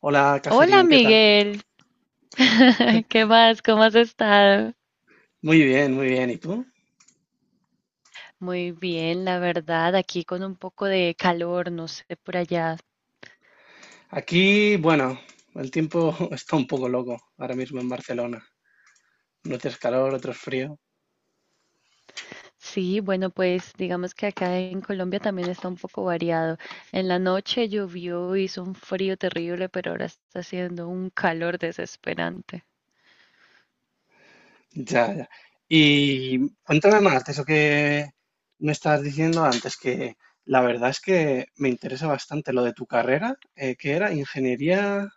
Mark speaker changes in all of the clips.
Speaker 1: Hola,
Speaker 2: Hola
Speaker 1: Catherine, ¿qué tal?
Speaker 2: Miguel, ¿qué más? ¿Cómo has estado?
Speaker 1: Muy bien, muy bien. ¿Y tú?
Speaker 2: Muy bien, la verdad, aquí con un poco de calor, no sé, por allá.
Speaker 1: Aquí, bueno, el tiempo está un poco loco ahora mismo en Barcelona. Unos días calor, otros frío.
Speaker 2: Sí, bueno, pues digamos que acá en Colombia también está un poco variado. En la noche llovió, hizo un frío terrible, pero ahora está haciendo un calor desesperante.
Speaker 1: Ya, ya. Y cuéntame más de eso que me estabas diciendo antes, que la verdad es que me interesa bastante lo de tu carrera, que era ingeniería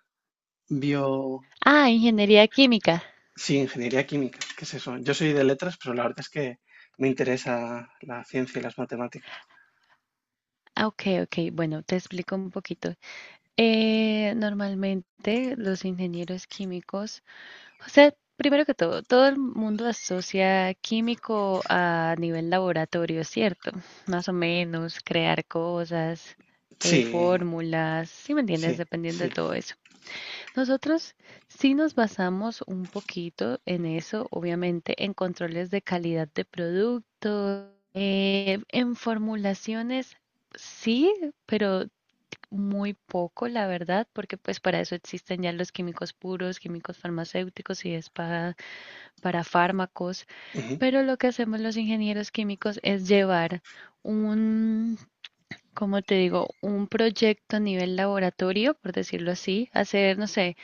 Speaker 1: bio...
Speaker 2: Ah, ingeniería química.
Speaker 1: Sí, ingeniería química. ¿Qué es eso? Yo soy de letras, pero la verdad es que me interesa la ciencia y las matemáticas.
Speaker 2: Ah, ok, ok, bueno, te explico un poquito. Normalmente los ingenieros químicos o sea, primero que todo, todo el mundo asocia químico a nivel laboratorio, ¿cierto? Más o menos, crear cosas,
Speaker 1: Sí,
Speaker 2: fórmulas, ¿sí me entiendes?
Speaker 1: sí,
Speaker 2: Dependiendo de todo eso. Nosotros sí nos basamos un poquito en eso, obviamente, en controles de calidad de productos, en formulaciones, sí, pero muy poco, la verdad, porque pues para eso existen ya los químicos puros, químicos farmacéuticos y spa para fármacos,
Speaker 1: sí.
Speaker 2: pero lo que hacemos los ingenieros químicos es llevar un, como te digo, un proyecto a nivel laboratorio, por decirlo así, hacer, no sé,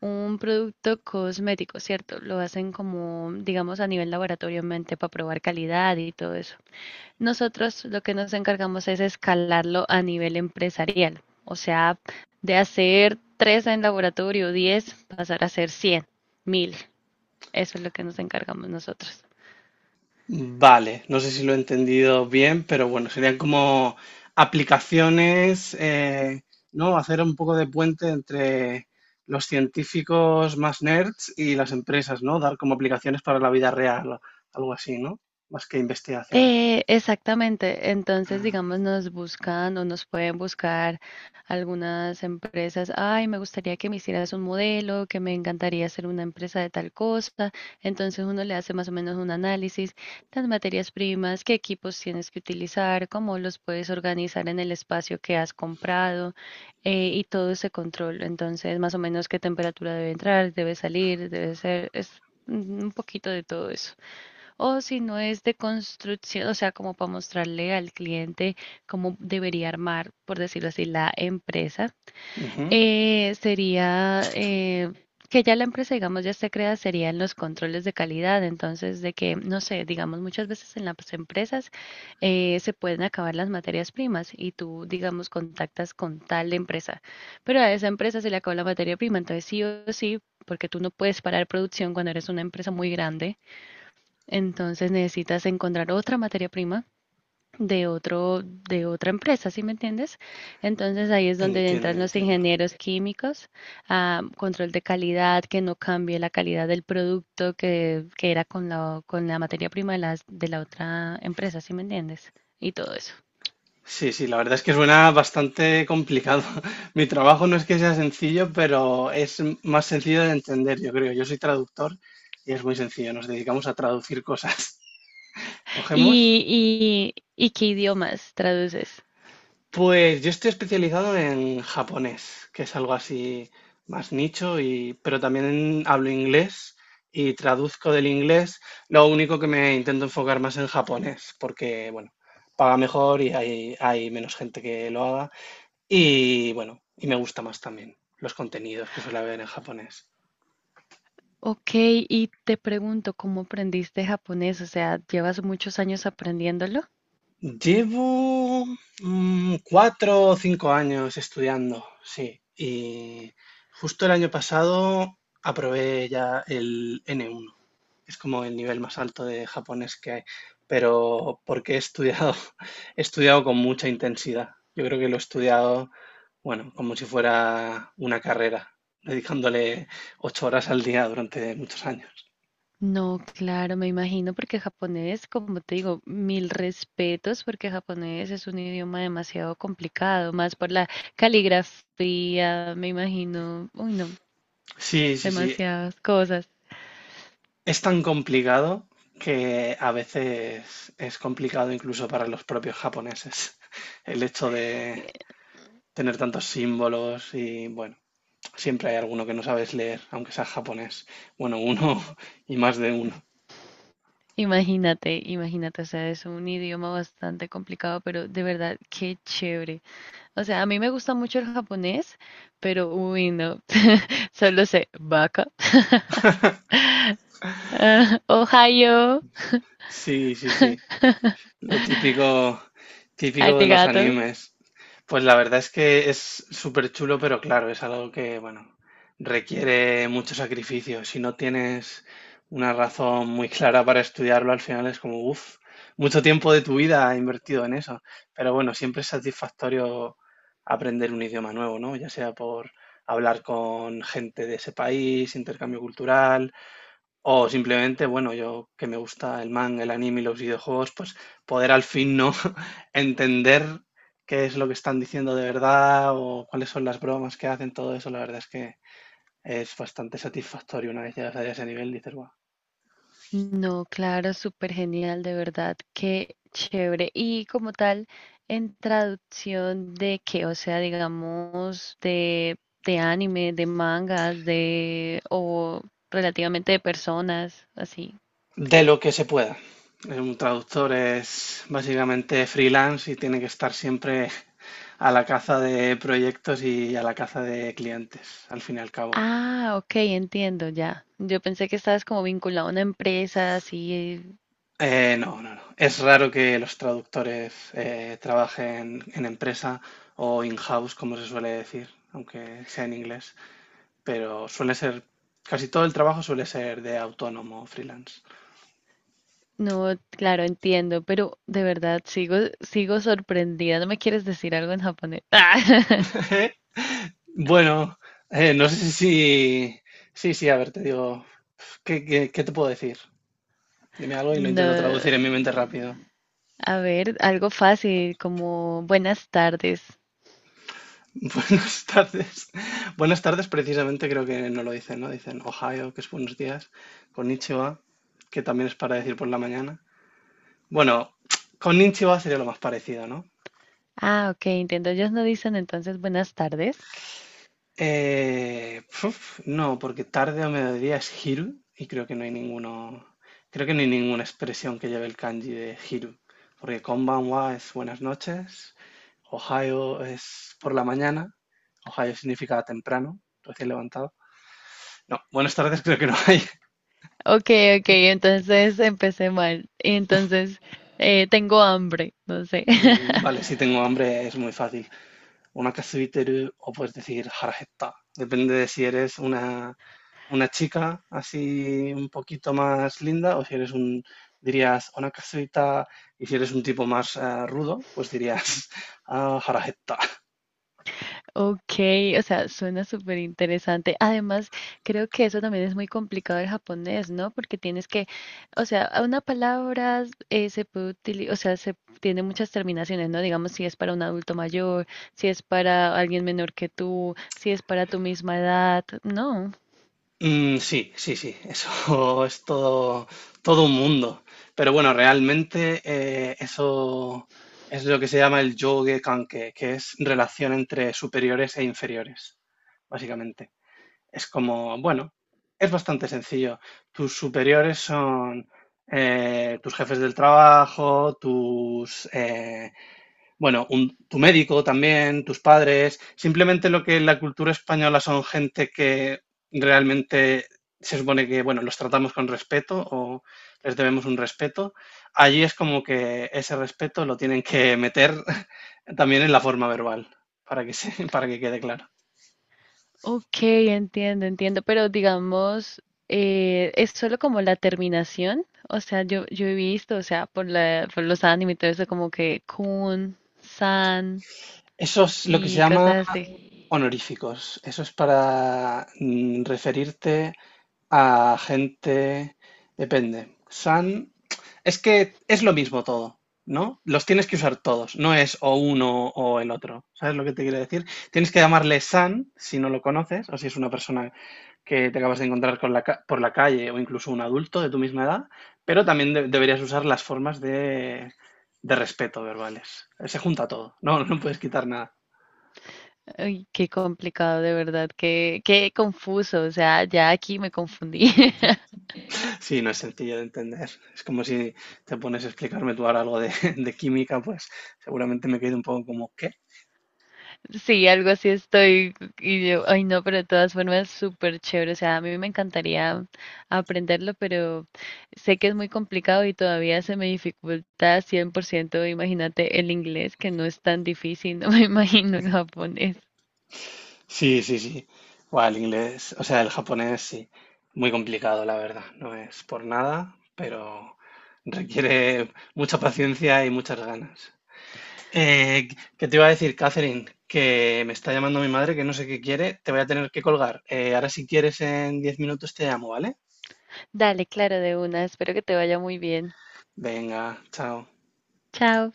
Speaker 2: un producto cosmético, ¿cierto? Lo hacen como, digamos, a nivel laboratorio mente para probar calidad y todo eso. Nosotros lo que nos encargamos es escalarlo a nivel empresarial, o sea, de hacer tres en laboratorio, 10, pasar a hacer 100, 1.000. Eso es lo que nos encargamos nosotros.
Speaker 1: Vale, no sé si lo he entendido bien, pero bueno, serían como aplicaciones, ¿no? Hacer un poco de puente entre los científicos más nerds y las empresas, ¿no? Dar como aplicaciones para la vida real, o algo así, ¿no? Más que investigación.
Speaker 2: Exactamente. Entonces,
Speaker 1: Ah,
Speaker 2: digamos, nos buscan o nos pueden buscar algunas empresas. Ay, me gustaría que me hicieras un modelo, que me encantaría hacer una empresa de tal cosa. Entonces, uno le hace más o menos un análisis, las materias primas, qué equipos tienes que utilizar, cómo los puedes organizar en el espacio que has comprado y todo ese control. Entonces, más o menos qué temperatura debe entrar, debe salir, debe ser, es un poquito de todo eso. O si no es de construcción, o sea, como para mostrarle al cliente cómo debería armar, por decirlo así, la empresa,
Speaker 1: ujú.
Speaker 2: sería que ya la empresa, digamos, ya esté creada, sería en los controles de calidad. Entonces, de que, no sé, digamos, muchas veces en las empresas se pueden acabar las materias primas y tú, digamos, contactas con tal empresa, pero a esa empresa se le acabó la materia prima. Entonces, sí o sí, porque tú no puedes parar producción cuando eres una empresa muy grande entonces necesitas encontrar otra materia prima de otro, de otra empresa, ¿sí me entiendes? Entonces ahí es donde
Speaker 1: Entiendo,
Speaker 2: entran los
Speaker 1: entiendo.
Speaker 2: ingenieros químicos, control de calidad, que no cambie la calidad del producto que era con la materia prima de la otra empresa, ¿sí me entiendes? Y todo eso.
Speaker 1: Sí, sí, la verdad es que suena bastante complicado. Mi trabajo no es que sea sencillo, pero es más sencillo de entender, yo creo. Yo soy traductor y es muy sencillo. Nos dedicamos a traducir cosas. Cogemos.
Speaker 2: ¿Y qué idiomas traduces?
Speaker 1: Pues yo estoy especializado en japonés, que es algo así más nicho, y, pero también hablo inglés y traduzco del inglés. Lo único que me intento enfocar más en japonés, porque, bueno, paga mejor y hay menos gente que lo haga. Y, bueno, y me gusta más también los contenidos que suele haber en japonés.
Speaker 2: Ok, y te pregunto, ¿cómo aprendiste japonés? O sea, ¿llevas muchos años aprendiéndolo?
Speaker 1: Llevo 4 o 5 años estudiando, sí. Y justo el año pasado aprobé ya el N1, que es como el nivel más alto de japonés que hay. Pero porque he estudiado, he estudiado con mucha intensidad. Yo creo que lo he estudiado, bueno, como si fuera una carrera, dedicándole 8 horas al día durante muchos años.
Speaker 2: No, claro, me imagino porque japonés, como te digo, mil respetos porque japonés es un idioma demasiado complicado, más por la caligrafía, me imagino, uy no,
Speaker 1: Sí, sí, sí.
Speaker 2: demasiadas cosas.
Speaker 1: Es tan complicado que a veces es complicado incluso para los propios japoneses el hecho de
Speaker 2: Eh,
Speaker 1: tener tantos símbolos y bueno, siempre hay alguno que no sabes leer, aunque sea japonés. Bueno, uno y más de uno.
Speaker 2: Imagínate, imagínate, o sea, es un idioma bastante complicado, pero de verdad, qué chévere. O sea, a mí me gusta mucho el japonés, pero uy no, solo sé vaca, Ohio,
Speaker 1: Sí, sí, sí. Lo típico, típico de los
Speaker 2: arigato.
Speaker 1: animes. Pues la verdad es que es súper chulo, pero claro, es algo que, bueno, requiere mucho sacrificio. Si no tienes una razón muy clara para estudiarlo, al final es como, uff, mucho tiempo de tu vida invertido en eso. Pero bueno, siempre es satisfactorio aprender un idioma nuevo, ¿no? Ya sea por hablar con gente de ese país, intercambio cultural, o simplemente, bueno, yo que me gusta el manga, el anime y los videojuegos, pues poder al fin no entender qué es lo que están diciendo de verdad o cuáles son las bromas que hacen, todo eso, la verdad es que es bastante satisfactorio una vez llegas a ese nivel, dices, wow,
Speaker 2: No, claro, súper genial, de verdad, qué chévere. Y como tal, en traducción de qué, o sea, digamos, de, anime, de mangas, o relativamente de personas, así.
Speaker 1: de lo que se pueda. Un traductor es básicamente freelance y tiene que estar siempre a la caza de proyectos y a la caza de clientes, al fin y al cabo.
Speaker 2: Ah, ok, entiendo, ya. Yo pensé que estabas como vinculado a una empresa, así.
Speaker 1: No, no, no. Es raro que los traductores trabajen en empresa o in-house, como se suele decir, aunque sea en inglés, pero suele ser, casi todo el trabajo suele ser de autónomo, freelance.
Speaker 2: No, claro, entiendo, pero de verdad sigo sorprendida. ¿No me quieres decir algo en japonés?
Speaker 1: Bueno, no sé si, sí, sí, a ver, te digo, ¿qué te puedo decir? Dime algo y lo intento
Speaker 2: No.
Speaker 1: traducir en mi mente rápido.
Speaker 2: A ver, algo fácil, como buenas tardes.
Speaker 1: Buenas tardes. Buenas tardes, precisamente creo que no lo dicen, ¿no? Dicen Ohio, que es buenos días. Konnichiwa, que también es para decir por la mañana. Bueno, konnichiwa sería lo más parecido, ¿no?
Speaker 2: Ah, ok, entiendo. Ellos no dicen entonces buenas tardes.
Speaker 1: No, porque tarde o mediodía es hiru y creo que no hay ninguno, creo que no hay ninguna expresión que lleve el kanji de hiru, porque konbanwa es buenas noches, Ohio es por la mañana, Ohio significa temprano, recién levantado. No, buenas tardes creo que no hay.
Speaker 2: Ok, ok, entonces empecé mal. Entonces, tengo hambre, no sé.
Speaker 1: Vale, si tengo hambre es muy fácil. Una Onakasuiteru o puedes decir harajetta. Depende de si eres una chica así un poquito más linda o si eres un, dirías una onakasuita y si eres un tipo más rudo, pues dirías harajetta.
Speaker 2: Ok, o sea, suena súper interesante. Además, creo que eso también es muy complicado el japonés, ¿no? Porque tienes que, o sea, a una palabra se puede utilizar, o sea, se tiene muchas terminaciones, ¿no? Digamos, si es para un adulto mayor, si es para alguien menor que tú, si es para tu misma edad, ¿no?
Speaker 1: Sí, sí, sí, eso es todo, todo un mundo. Pero bueno, realmente eso es lo que se llama el yogue kanke, que es relación entre superiores e inferiores, básicamente. Es como, bueno, es bastante sencillo. Tus superiores son tus jefes del trabajo, bueno, tu médico también, tus padres, simplemente lo que en la cultura española son gente que realmente se supone que, bueno, los tratamos con respeto o les debemos un respeto. Allí es como que ese respeto lo tienen que meter también en la forma verbal, para que se, para que quede claro.
Speaker 2: Ok, entiendo, entiendo, pero digamos, es solo como la terminación, o sea, yo he visto, o sea, por los animes y todo eso, como que kun, san.
Speaker 1: Eso es lo que se
Speaker 2: Y
Speaker 1: llama
Speaker 2: cosas así.
Speaker 1: honoríficos. Eso es para referirte a gente, depende. San, es que es lo mismo todo, ¿no? Los tienes que usar todos, no es o uno o el otro. ¿Sabes lo que te quiero decir? Tienes que llamarle San si no lo conoces o si es una persona que te acabas de encontrar con la por la calle o incluso un adulto de tu misma edad, pero también deberías usar las formas de respeto verbales. Se junta todo, no, no puedes quitar nada.
Speaker 2: Ay, qué complicado, de verdad, qué confuso, o sea, ya aquí me confundí.
Speaker 1: Sí, no es sencillo de entender. Es como si te pones a explicarme tú ahora algo de, de química, pues seguramente me quedo un poco como, ¿qué?
Speaker 2: Sí, algo así estoy, y yo, ay no, pero de todas formas súper chévere, o sea, a mí me encantaría aprenderlo, pero sé que es muy complicado y todavía se me dificulta 100% imagínate el inglés, que no es tan difícil, no me imagino el japonés.
Speaker 1: Sí, sí, sí. Buah, el inglés, o sea, el japonés sí. Muy complicado, la verdad. No es por nada, pero requiere mucha paciencia y muchas ganas. Eh, ¿Qué te iba a decir, Catherine? Que me está llamando mi madre, que no sé qué quiere. Te voy a tener que colgar. Ahora si quieres en 10 minutos te llamo, ¿vale?
Speaker 2: Dale, claro, de una, espero que te vaya muy bien.
Speaker 1: Venga, chao.
Speaker 2: Chao.